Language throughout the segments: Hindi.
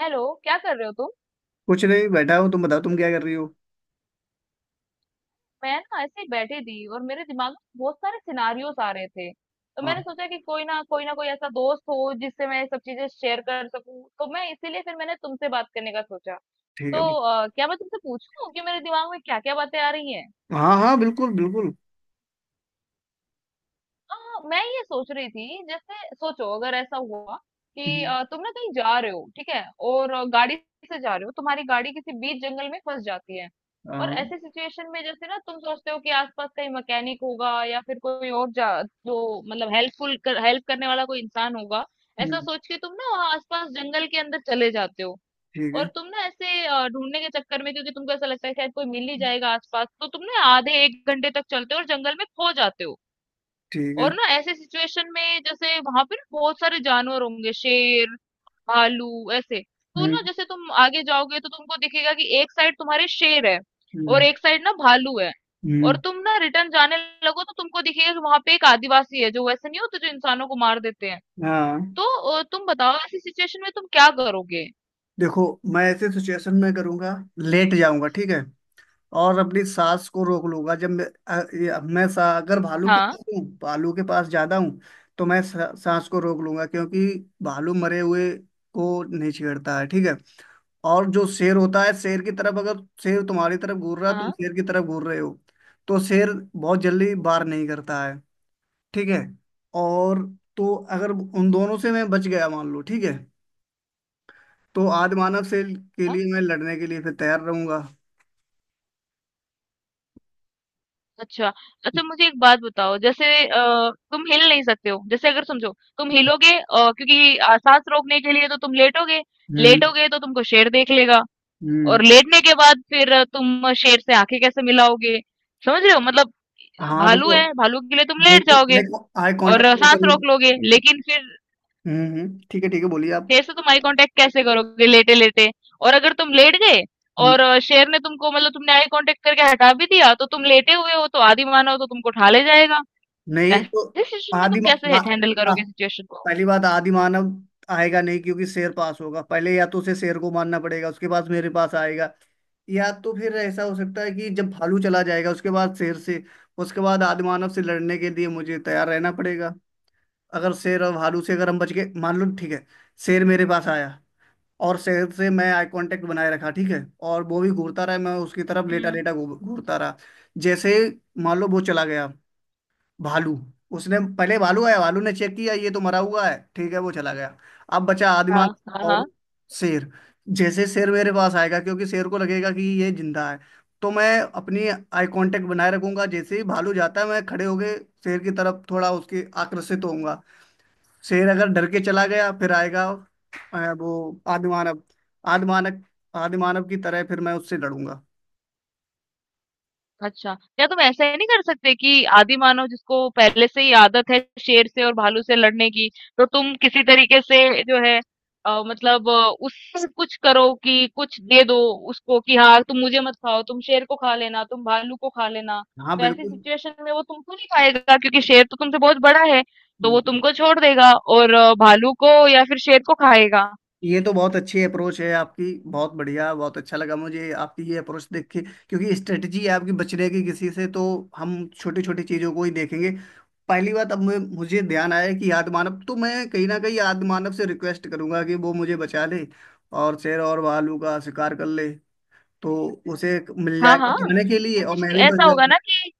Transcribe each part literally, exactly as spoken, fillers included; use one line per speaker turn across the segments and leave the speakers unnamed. हेलो। क्या कर रहे हो तुम?
कुछ नहीं, बैठा हूँ। तुम बताओ, तुम क्या कर रही हो?
मैं ना ऐसे ही बैठी थी और मेरे दिमाग में बहुत सारे सिनारियोस आ रहे थे, तो मैंने
हाँ।
सोचा कि कोई ना, कोई ना कोई ऐसा दोस्त हो जिससे मैं ये सब चीजें शेयर कर सकूं, तो मैं इसीलिए फिर मैंने तुमसे बात करने का सोचा।
ठीक
तो
है।
अ, क्या मैं तुमसे पूछूं कि मेरे दिमाग में क्या क्या बातें आ रही हैं?
हाँ, हाँ, बिल्कुल, बिल्कुल।
हाँ, मैं ये सोच रही थी, जैसे सोचो अगर ऐसा हुआ कि
हम्म।
अ, तुम ना कहीं जा रहे हो, ठीक है। और अ, गाड़ी से जा रहे हो, तुम्हारी गाड़ी किसी बीच जंगल में फंस जाती है। और
हाँ।
ऐसी सिचुएशन में जैसे ना तुम सोचते हो कि आसपास कहीं मैकेनिक होगा या फिर कोई और जा जो मतलब हेल्पफुल कर, हेल्प करने वाला कोई इंसान होगा। ऐसा
हम्म,
सोच के तुम ना वहाँ आसपास जंगल के अंदर चले जाते हो।
ठीक
और
है।
तुम ना ऐसे अ, ढूंढने के चक्कर में, क्योंकि तुमको ऐसा लगता है शायद कोई मिल ही जाएगा आसपास, तो तुम ना आधे एक घंटे तक चलते हो और जंगल में खो जाते हो।
ठीक है।
और ना ऐसे सिचुएशन में, जैसे वहां पे ना बहुत सारे जानवर होंगे, शेर, भालू ऐसे। तो ना
हम्म।
जैसे तुम आगे जाओगे तो तुमको दिखेगा कि एक साइड तुम्हारे शेर है और
हम्म।
एक साइड ना भालू है। और
हम्म।
तुम ना रिटर्न जाने लगो तो तुमको दिखेगा कि वहां पे एक आदिवासी है जो वैसे नहीं होते, जो इंसानों को मार देते हैं।
हाँ।
तो अ, तुम बताओ ऐसी सिचुएशन में तुम क्या करोगे?
देखो, मैं ऐसे सिचुएशन में करूंगा, लेट जाऊंगा, ठीक है। और अपनी सांस को रोक लूंगा। जब मैं अ, ये- मैं सा, अगर भालू के
हाँ
पास हूँ भालू के पास ज्यादा हूँ, तो मैं सा, सांस को रोक लूंगा। क्योंकि भालू मरे हुए को नहीं छेड़ता है, ठीक है। और जो शेर होता है, शेर की तरफ अगर शेर तुम्हारी तरफ घूर रहा
हाँ
है, तुम
हाँ।
शेर की तरफ घूर रहे हो, तो शेर बहुत जल्दी वार नहीं करता है, ठीक है। और तो अगर उन दोनों से मैं बच गया, मान लो, ठीक है। तो आदि मानव से के लिए मैं लड़ने के लिए फिर तैयार रहूंगा।
अच्छा, अच्छा मुझे एक बात बताओ, जैसे अ, तुम हिल नहीं सकते हो, जैसे अगर समझो तुम हिलोगे, अ, क्योंकि अ, सांस रोकने के लिए तो तुम लेटोगे।
हम्म,
लेटोगे तो तुमको शेर देख लेगा।
हम्म।
और लेटने के बाद फिर अ, तुम शेर से आंखें कैसे मिलाओगे? समझ रहे हो मतलब?
हाँ,
भालू
रुको।
है, भालू के लिए तुम लेट जाओगे
देखिए, आई
और
कांटेक्ट
अ,
तो
सांस
कभी।
रोक लोगे, लेकिन फिर
हम्म, हम्म, ठीक है, ठीक है, बोलिए आप।
शेर से तुम आई कांटेक्ट कैसे करोगे लेटे लेटे? और अगर तुम लेट गए
हम्म।
और अ, शेर ने तुमको मतलब तुमने आई कांटेक्ट करके हटा भी दिया, तो तुम लेटे हुए हो, तो आदि मानव तो तुमको उठा ले जाएगा।
नहीं
ऐसे
तो।
सिचुएशन में
आदि
तुम कैसे
म-
है
आ-
हैंडल
आ-
करोगे सिचुएशन को?
पहली बात, आदि मानव आएगा नहीं, क्योंकि शेर पास होगा। पहले या तो उसे शेर को मारना पड़ेगा, उसके बाद मेरे पास आएगा। या तो फिर ऐसा हो सकता है कि जब भालू चला जाएगा, उसके बाद शेर से, उसके बाद आदि मानव से लड़ने के लिए मुझे तैयार रहना पड़ेगा। अगर शेर और भालू से अगर हम बच गए, मान लो, ठीक है। शेर मेरे पास आया, और से, से मैं आई कांटेक्ट बनाए रखा, ठीक है। और वो भी घूरता रहा, मैं उसकी तरफ
हुँ,
लेटा
हुँ।
लेटा घू- घूरता रहा। जैसे मान लो वो चला गया, भालू। उसने पहले भालू आया, भालू ने चेक किया ये तो मरा हुआ है, ठीक है, वो चला गया। अब बचा
हाँ,
आदिमाल
हाँ,
और
हाँ।
शेर। जैसे शेर मेरे पास आएगा क्योंकि शेर को लगेगा कि ये जिंदा है। तो मैं अपनी आई कांटेक्ट बनाए रखूंगा, जैसे ही भालू जाता है मैं खड़े होके शेर की तरफ थोड़ा उसके आकर्षित होऊंगा। शेर अगर डर के चला गया, फिर आएगा। अ, वो आदिमानव आदिमानव आदिमानव की तरह फिर मैं उससे लड़ूंगा।
अच्छा, क्या तुम ऐसा ही नहीं कर सकते कि आदिमानव जिसको पहले से ही आदत है शेर से और भालू से लड़ने की, तो तुम किसी तरीके से जो है अ, मतलब अ, उससे कुछ करो कि कुछ दे दो उसको कि हाँ, तुम मुझे मत खाओ, तुम शेर को खा लेना, तुम भालू को खा लेना।
हाँ,
तो ऐसी
बिल्कुल।
सिचुएशन में वो तुमको नहीं खाएगा, क्योंकि शेर तो तुमसे बहुत बड़ा है, तो वो तुमको छोड़ देगा और अ, भालू को या फिर शेर को खाएगा।
ये तो बहुत अच्छी अप्रोच है आपकी, बहुत बढ़िया, बहुत अच्छा लगा मुझे आपकी ये अप्रोच देख के। क्योंकि स्ट्रेटजी है आपकी बचने की किसी से, तो हम छोटी छोटी चीजों को ही देखेंगे। पहली बात, अब मु- मुझे ध्यान आया कि आदिमानव, तो मैं कहीं ना कहीं आदिमानव से रिक्वेस्ट करूंगा कि वो मुझे बचा ले, और शेर और भालू का शिकार कर ले। तो उसे मिल
हाँ
जाएगा
हाँ,
खाने के लिए,
क्योंकि
और मैं
कोई
भी
ऐसा होगा
बच।
ना कि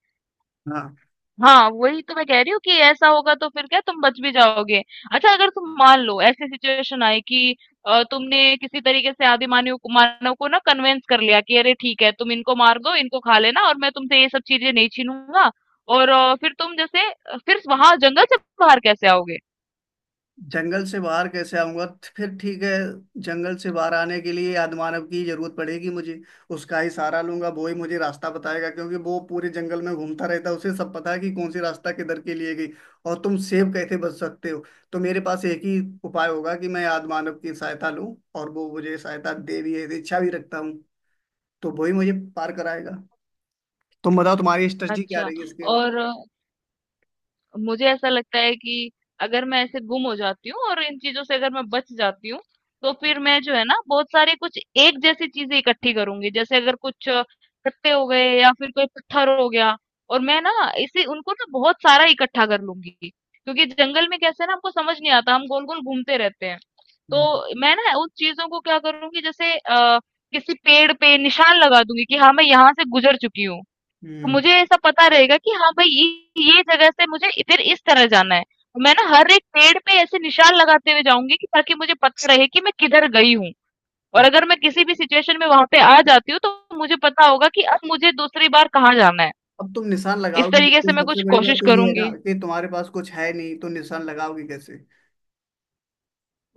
हाँ।
हाँ, वही तो मैं कह रही हूँ कि ऐसा होगा तो फिर क्या तुम बच भी जाओगे? अच्छा अगर तुम मान लो ऐसी सिचुएशन आई कि अ, तुमने किसी तरीके से आदि मानव को मानव को ना कन्वेंस कर लिया कि अरे ठीक है तुम इनको मार दो, इनको खा लेना और मैं तुमसे ये सब चीजें नहीं छीनूंगा। और अ, फिर तुम जैसे फिर वहां जंगल से बाहर कैसे आओगे?
जंगल से बाहर कैसे आऊंगा? फिर ठीक है, जंगल से बाहर आने के लिए आदमानव की जरूरत पड़ेगी मुझे। उसका ही सहारा लूंगा, वो ही मुझे रास्ता बताएगा, क्योंकि वो पूरे जंगल में घूमता रहता है, उसे सब पता है कि कौन सी रास्ता किधर के लिए गई। और तुम सेब कैसे बच सकते हो? तो मेरे पास एक ही उपाय होगा कि मैं आदमानव की सहायता लूं, और वो मुझे सहायता दे भी है, इच्छा भी रखता हूँ। तो वो ही मुझे पार कराएगा। तुम बताओ तुम्हारी स्ट्रेटजी क्या
अच्छा,
रहेगी इसके।
और मुझे ऐसा लगता है कि अगर मैं ऐसे गुम हो जाती हूँ और इन चीजों से अगर मैं बच जाती हूँ, तो फिर मैं जो है ना बहुत सारी कुछ एक जैसी चीजें इकट्ठी करूंगी, जैसे अगर कुछ अ, कट्टे हो गए या फिर कोई पत्थर हो गया और मैं ना इसे उनको ना बहुत सारा इकट्ठा कर लूंगी, क्योंकि जंगल में कैसे ना हमको समझ नहीं आता, हम गोल गोल घूमते रहते हैं।
हम्म,
तो मैं ना उन चीजों को क्या करूंगी, जैसे आ, किसी पेड़ पे निशान लगा दूंगी कि हाँ मैं यहाँ से गुजर चुकी हूँ।
हम्म।
मुझे ऐसा पता रहेगा कि हाँ भाई ये ये जगह से मुझे फिर इस तरह जाना है। मैं ना हर एक पेड़ पे ऐसे निशान लगाते हुए जाऊंगी कि ताकि मुझे पता रहे कि मैं किधर गई हूँ। और अगर मैं किसी भी सिचुएशन में वहां पे आ जाती हूँ, तो मुझे पता होगा कि अब मुझे दूसरी बार कहाँ जाना है।
अब तुम निशान
इस
लगाओगे
तरीके से
किससे?
मैं कुछ
सबसे बड़ी बात
कोशिश
तो ये है ना
करूंगी।
कि तुम्हारे पास कुछ है नहीं, तो निशान लगाओगे कैसे?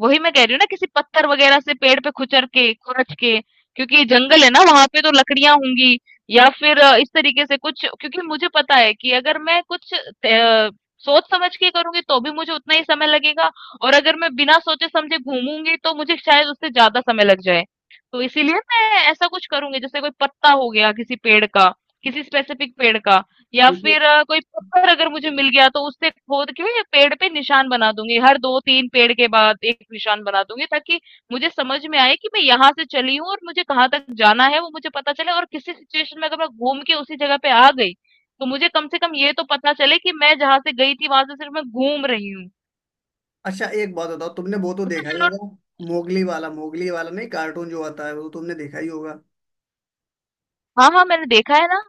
वही मैं कह रही हूँ ना, किसी पत्थर वगैरह से पेड़ पे खुचर के खुरच के, क्योंकि जंगल है ना, वहां पे तो लकड़ियां होंगी। या फिर अ, इस तरीके से कुछ, क्योंकि मुझे पता है कि अगर मैं कुछ अ, सोच समझ के करूंगी तो भी मुझे उतना ही समय लगेगा। और अगर मैं बिना सोचे समझे घूमूंगी तो मुझे शायद उससे ज्यादा समय लग जाए। तो इसीलिए मैं ऐसा कुछ करूंगी, जैसे कोई पत्ता हो गया किसी पेड़ का, किसी स्पेसिफिक पेड़ का, या
क्योंकि
फिर अ, कोई पत्थर अगर मुझे मिल गया तो उससे खोद के या पेड़ पे निशान बना दूंगी, हर दो तीन पेड़ के बाद एक निशान बना दूंगी, ताकि मुझे समझ में आए कि मैं यहाँ से चली हूँ और मुझे कहाँ तक जाना है वो मुझे पता चले। और किसी सिचुएशन में अगर मैं घूम के उसी जगह पे आ गई तो मुझे कम से कम ये तो पता चले कि मैं जहाँ से गई थी वहां से सिर्फ मैं घूम रही हूँ।
अच्छा, एक बात बताओ, तुमने वो तो
अच्छा
देखा ही
चलो।
होगा, मोगली वाला, मोगली वाला नहीं कार्टून जो आता है, वो तो तुमने देखा ही होगा।
हाँ हाँ, मैंने देखा है ना।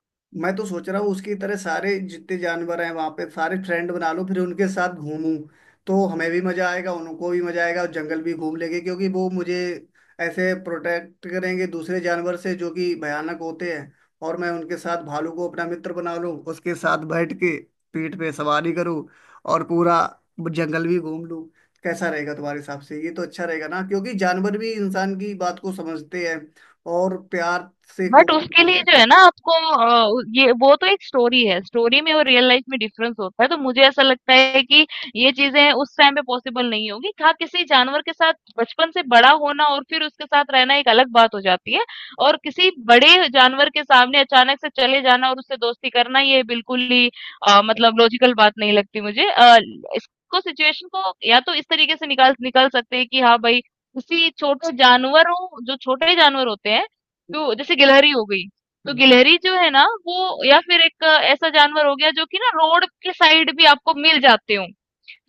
मैं तो सोच रहा हूँ उसकी तरह सारे जितने जानवर हैं वहां पे सारे फ्रेंड बना लूं, फिर उनके साथ घूमूं। तो हमें भी मजा आएगा, उनको भी मजा आएगा, और जंगल भी घूम लेंगे। क्योंकि वो मुझे ऐसे प्रोटेक्ट करेंगे दूसरे जानवर से जो कि भयानक होते हैं। और मैं उनके साथ भालू को अपना मित्र बना लूं, उसके साथ बैठ के पीठ पे सवारी करूं, और पूरा जंगल भी घूम लूं। कैसा रहेगा तुम्हारे हिसाब से? ये तो अच्छा रहेगा ना, क्योंकि जानवर भी इंसान की बात को समझते हैं, और प्यार से कोई
बट
भी
उसके
काम
लिए जो
करते
है ना आपको अ, उ- ये वो तो एक स्टोरी है, स्टोरी में और रियल लाइफ में डिफरेंस होता है, तो मुझे ऐसा लगता है कि ये चीजें उस टाइम पे पॉसिबल नहीं होगी। हाँ, किसी जानवर के साथ बचपन से बड़ा होना और फिर उसके साथ रहना एक अलग बात हो जाती है। और किसी बड़े जानवर के सामने अचानक से चले जाना और उससे दोस्ती करना, ये बिल्कुल ही अ, मतलब लॉजिकल बात नहीं लगती मुझे। अ, इसको सिचुएशन को या तो इस तरीके से निकाल निकाल सकते हैं कि हाँ भाई, किसी छोटे जानवरों, जो छोटे जानवर होते हैं, जो जैसे गिलहरी हो गई, तो
हैं।
गिलहरी जो है ना वो, या फिर एक अ, ऐसा जानवर हो गया जो कि ना रोड के साइड भी आपको मिल जाते हो।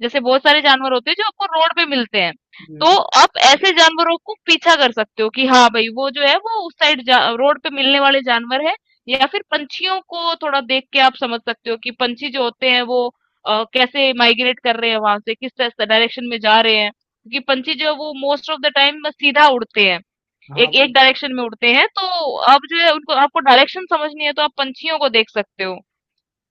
जैसे बहुत सारे जानवर होते हैं जो आपको रोड पे मिलते हैं, तो
हम्म।
आप ऐसे जानवरों को पीछा कर सकते हो कि हाँ भाई वो जो है वो उस साइड रोड पे मिलने वाले जानवर है। या फिर पंछियों को थोड़ा देख के आप समझ सकते हो कि पंछी जो होते हैं वो अ, कैसे माइग्रेट कर रहे हैं, वहां से किस डायरेक्शन में जा रहे हैं, क्योंकि पंछी जो है वो मोस्ट ऑफ द टाइम सीधा उड़ते हैं, एक
हाँ,
एक डायरेक्शन में उड़ते हैं। तो आप जो है उनको आपको डायरेक्शन समझनी है तो आप पंछियों को देख सकते हो।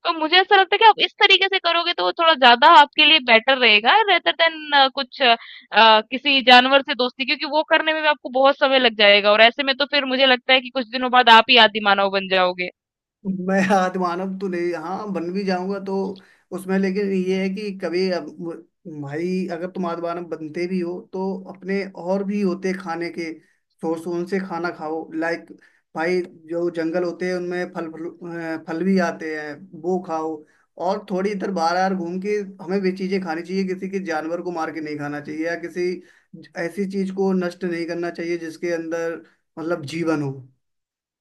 तो मुझे ऐसा लगता है कि आप इस तरीके से करोगे तो वो थोड़ा ज्यादा आपके लिए बेटर रहेगा रेदर देन कुछ अ, अ, किसी जानवर से दोस्ती, क्योंकि वो करने में भी आपको बहुत समय लग जाएगा और ऐसे में तो फिर मुझे लगता है कि कुछ दिनों बाद आप ही आदि मानव बन जाओगे।
मैं आत्मानव तो नहीं, हाँ, बन भी जाऊंगा तो उसमें, लेकिन ये है कि कभी अब मु- भाई अगर तुम आत्मानव बनते भी हो, तो अपने और भी होते खाने के सोर्स, उनसे खाना खाओ। लाइक भाई, जो जंगल होते हैं उनमें फल फल अ, फल भी आते हैं, वो खाओ। और थोड़ी इधर बाहर बाहर घूम के हमें वे चीजें खानी चाहिए, किसी के जानवर को मार के नहीं खाना चाहिए, या किसी ऐसी चीज को नष्ट नहीं करना चाहिए जिसके अंदर मतलब जीवन हो।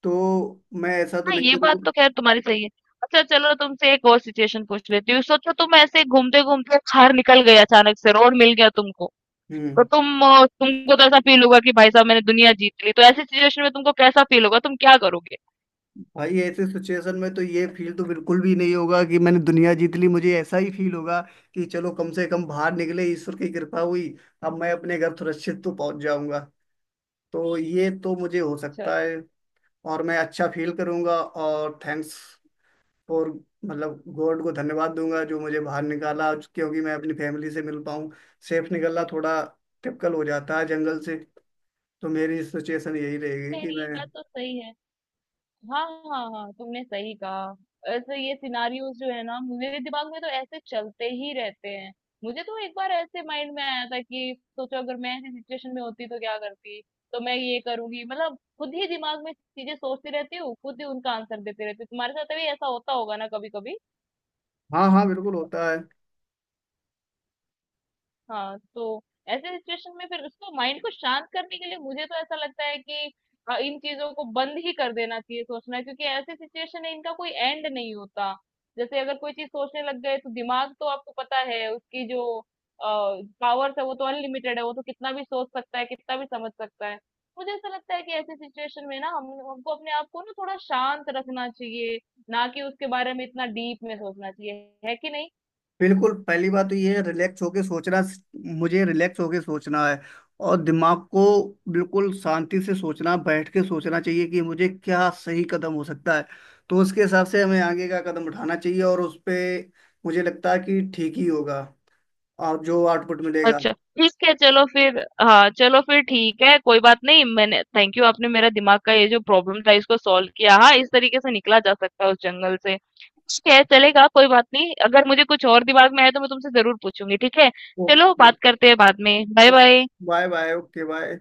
तो मैं ऐसा तो
हाँ
नहीं
ये बात
करूंगा।
तो खैर तुम्हारी सही है। अच्छा चलो, तुमसे एक और सिचुएशन पूछ लेती हूँ। सोचो तुम ऐसे घूमते घूमते बाहर निकल गए, अचानक से रोड मिल गया तुमको, तो
हम्म।
तुम अ, तुमको तो ऐसा फील होगा कि भाई साहब मैंने दुनिया जीत ली, तो ऐसी सिचुएशन में तुमको कैसा फील होगा, तुम क्या करोगे?
भाई, ऐसे सिचुएशन में तो ये फील तो बिल्कुल भी नहीं होगा कि मैंने दुनिया जीत ली। मुझे ऐसा ही फील होगा कि चलो कम से कम बाहर निकले, ईश्वर की कृपा हुई, अब मैं अपने घर सुरक्षित तो पहुंच जाऊंगा। तो ये तो मुझे हो
अच्छा।
सकता है, और मैं अच्छा फील करूंगा, और थैंक्स फॉर, मतलब गॉड को धन्यवाद दूंगा जो मुझे बाहर निकाला, क्योंकि मैं अपनी फैमिली से मिल पाऊँ। सेफ निकलना थोड़ा टिपिकल हो जाता है जंगल से। तो मेरी सिचुएशन यही रहेगी
खैर
कि
ये
मैं।
बात तो सही है। हाँ। हाँ हाँ, तुमने सही कहा। ऐसे ये सिनारियोज जो है ना मेरे दिमाग में तो ऐसे चलते ही रहते हैं। मुझे तो एक बार ऐसे माइंड में आया था कि सोचो अगर मैं ऐसी सिचुएशन में होती तो क्या करती, तो मैं ये करूंगी, मतलब खुद ही दिमाग में चीजें सोचती रहती हूँ, खुद ही उनका आंसर देती रहती हूँ। तुम्हारे साथ भी ऐसा होता होगा ना कभी कभी?
हाँ, हाँ, बिल्कुल होता है।
हाँ, तो ऐसे सिचुएशन में फिर उसको माइंड को शांत करने के लिए मुझे तो ऐसा लगता है कि अ, इन चीजों को बंद ही कर देना चाहिए सोचना, क्योंकि ऐसे सिचुएशन है इनका कोई एंड नहीं होता। जैसे अगर कोई चीज सोचने लग गए तो दिमाग तो आपको पता है उसकी जो पावर्स है वो तो अनलिमिटेड है, वो तो कितना भी सोच सकता है, कितना भी समझ सकता है। मुझे ऐसा लगता है कि ऐसे सिचुएशन में ना हम हमको अपने आप को ना थोड़ा शांत रखना चाहिए, ना कि उसके बारे में इतना डीप में सोचना चाहिए, है कि नहीं?
बिल्कुल, पहली बात तो ये है रिलैक्स होके सोचना, मुझे रिलैक्स होके सोचना है। और दिमाग को बिल्कुल शांति से सोचना, बैठ के सोचना चाहिए कि मुझे क्या सही कदम हो सकता है। तो उसके हिसाब से हमें आगे का कदम उठाना चाहिए, और उस पे मुझे लगता है कि ठीक ही होगा, और जो आउटपुट मिलेगा।
अच्छा, ठीक है, चलो फिर। हाँ, चलो फिर ठीक है, कोई बात नहीं। मैंने थैंक यू, आपने मेरा दिमाग का ये जो प्रॉब्लम था इसको सॉल्व किया। हाँ, इस तरीके से निकला जा सकता है उस जंगल से। ठीक है, चलेगा, कोई बात नहीं। अगर मुझे कुछ और दिमाग में आया तो मैं तुमसे ज़रूर पूछूँगी, ठीक है? चलो,
ओके,
बात करते हैं बाद में। Bye bye.
Bye bye, okay, bye.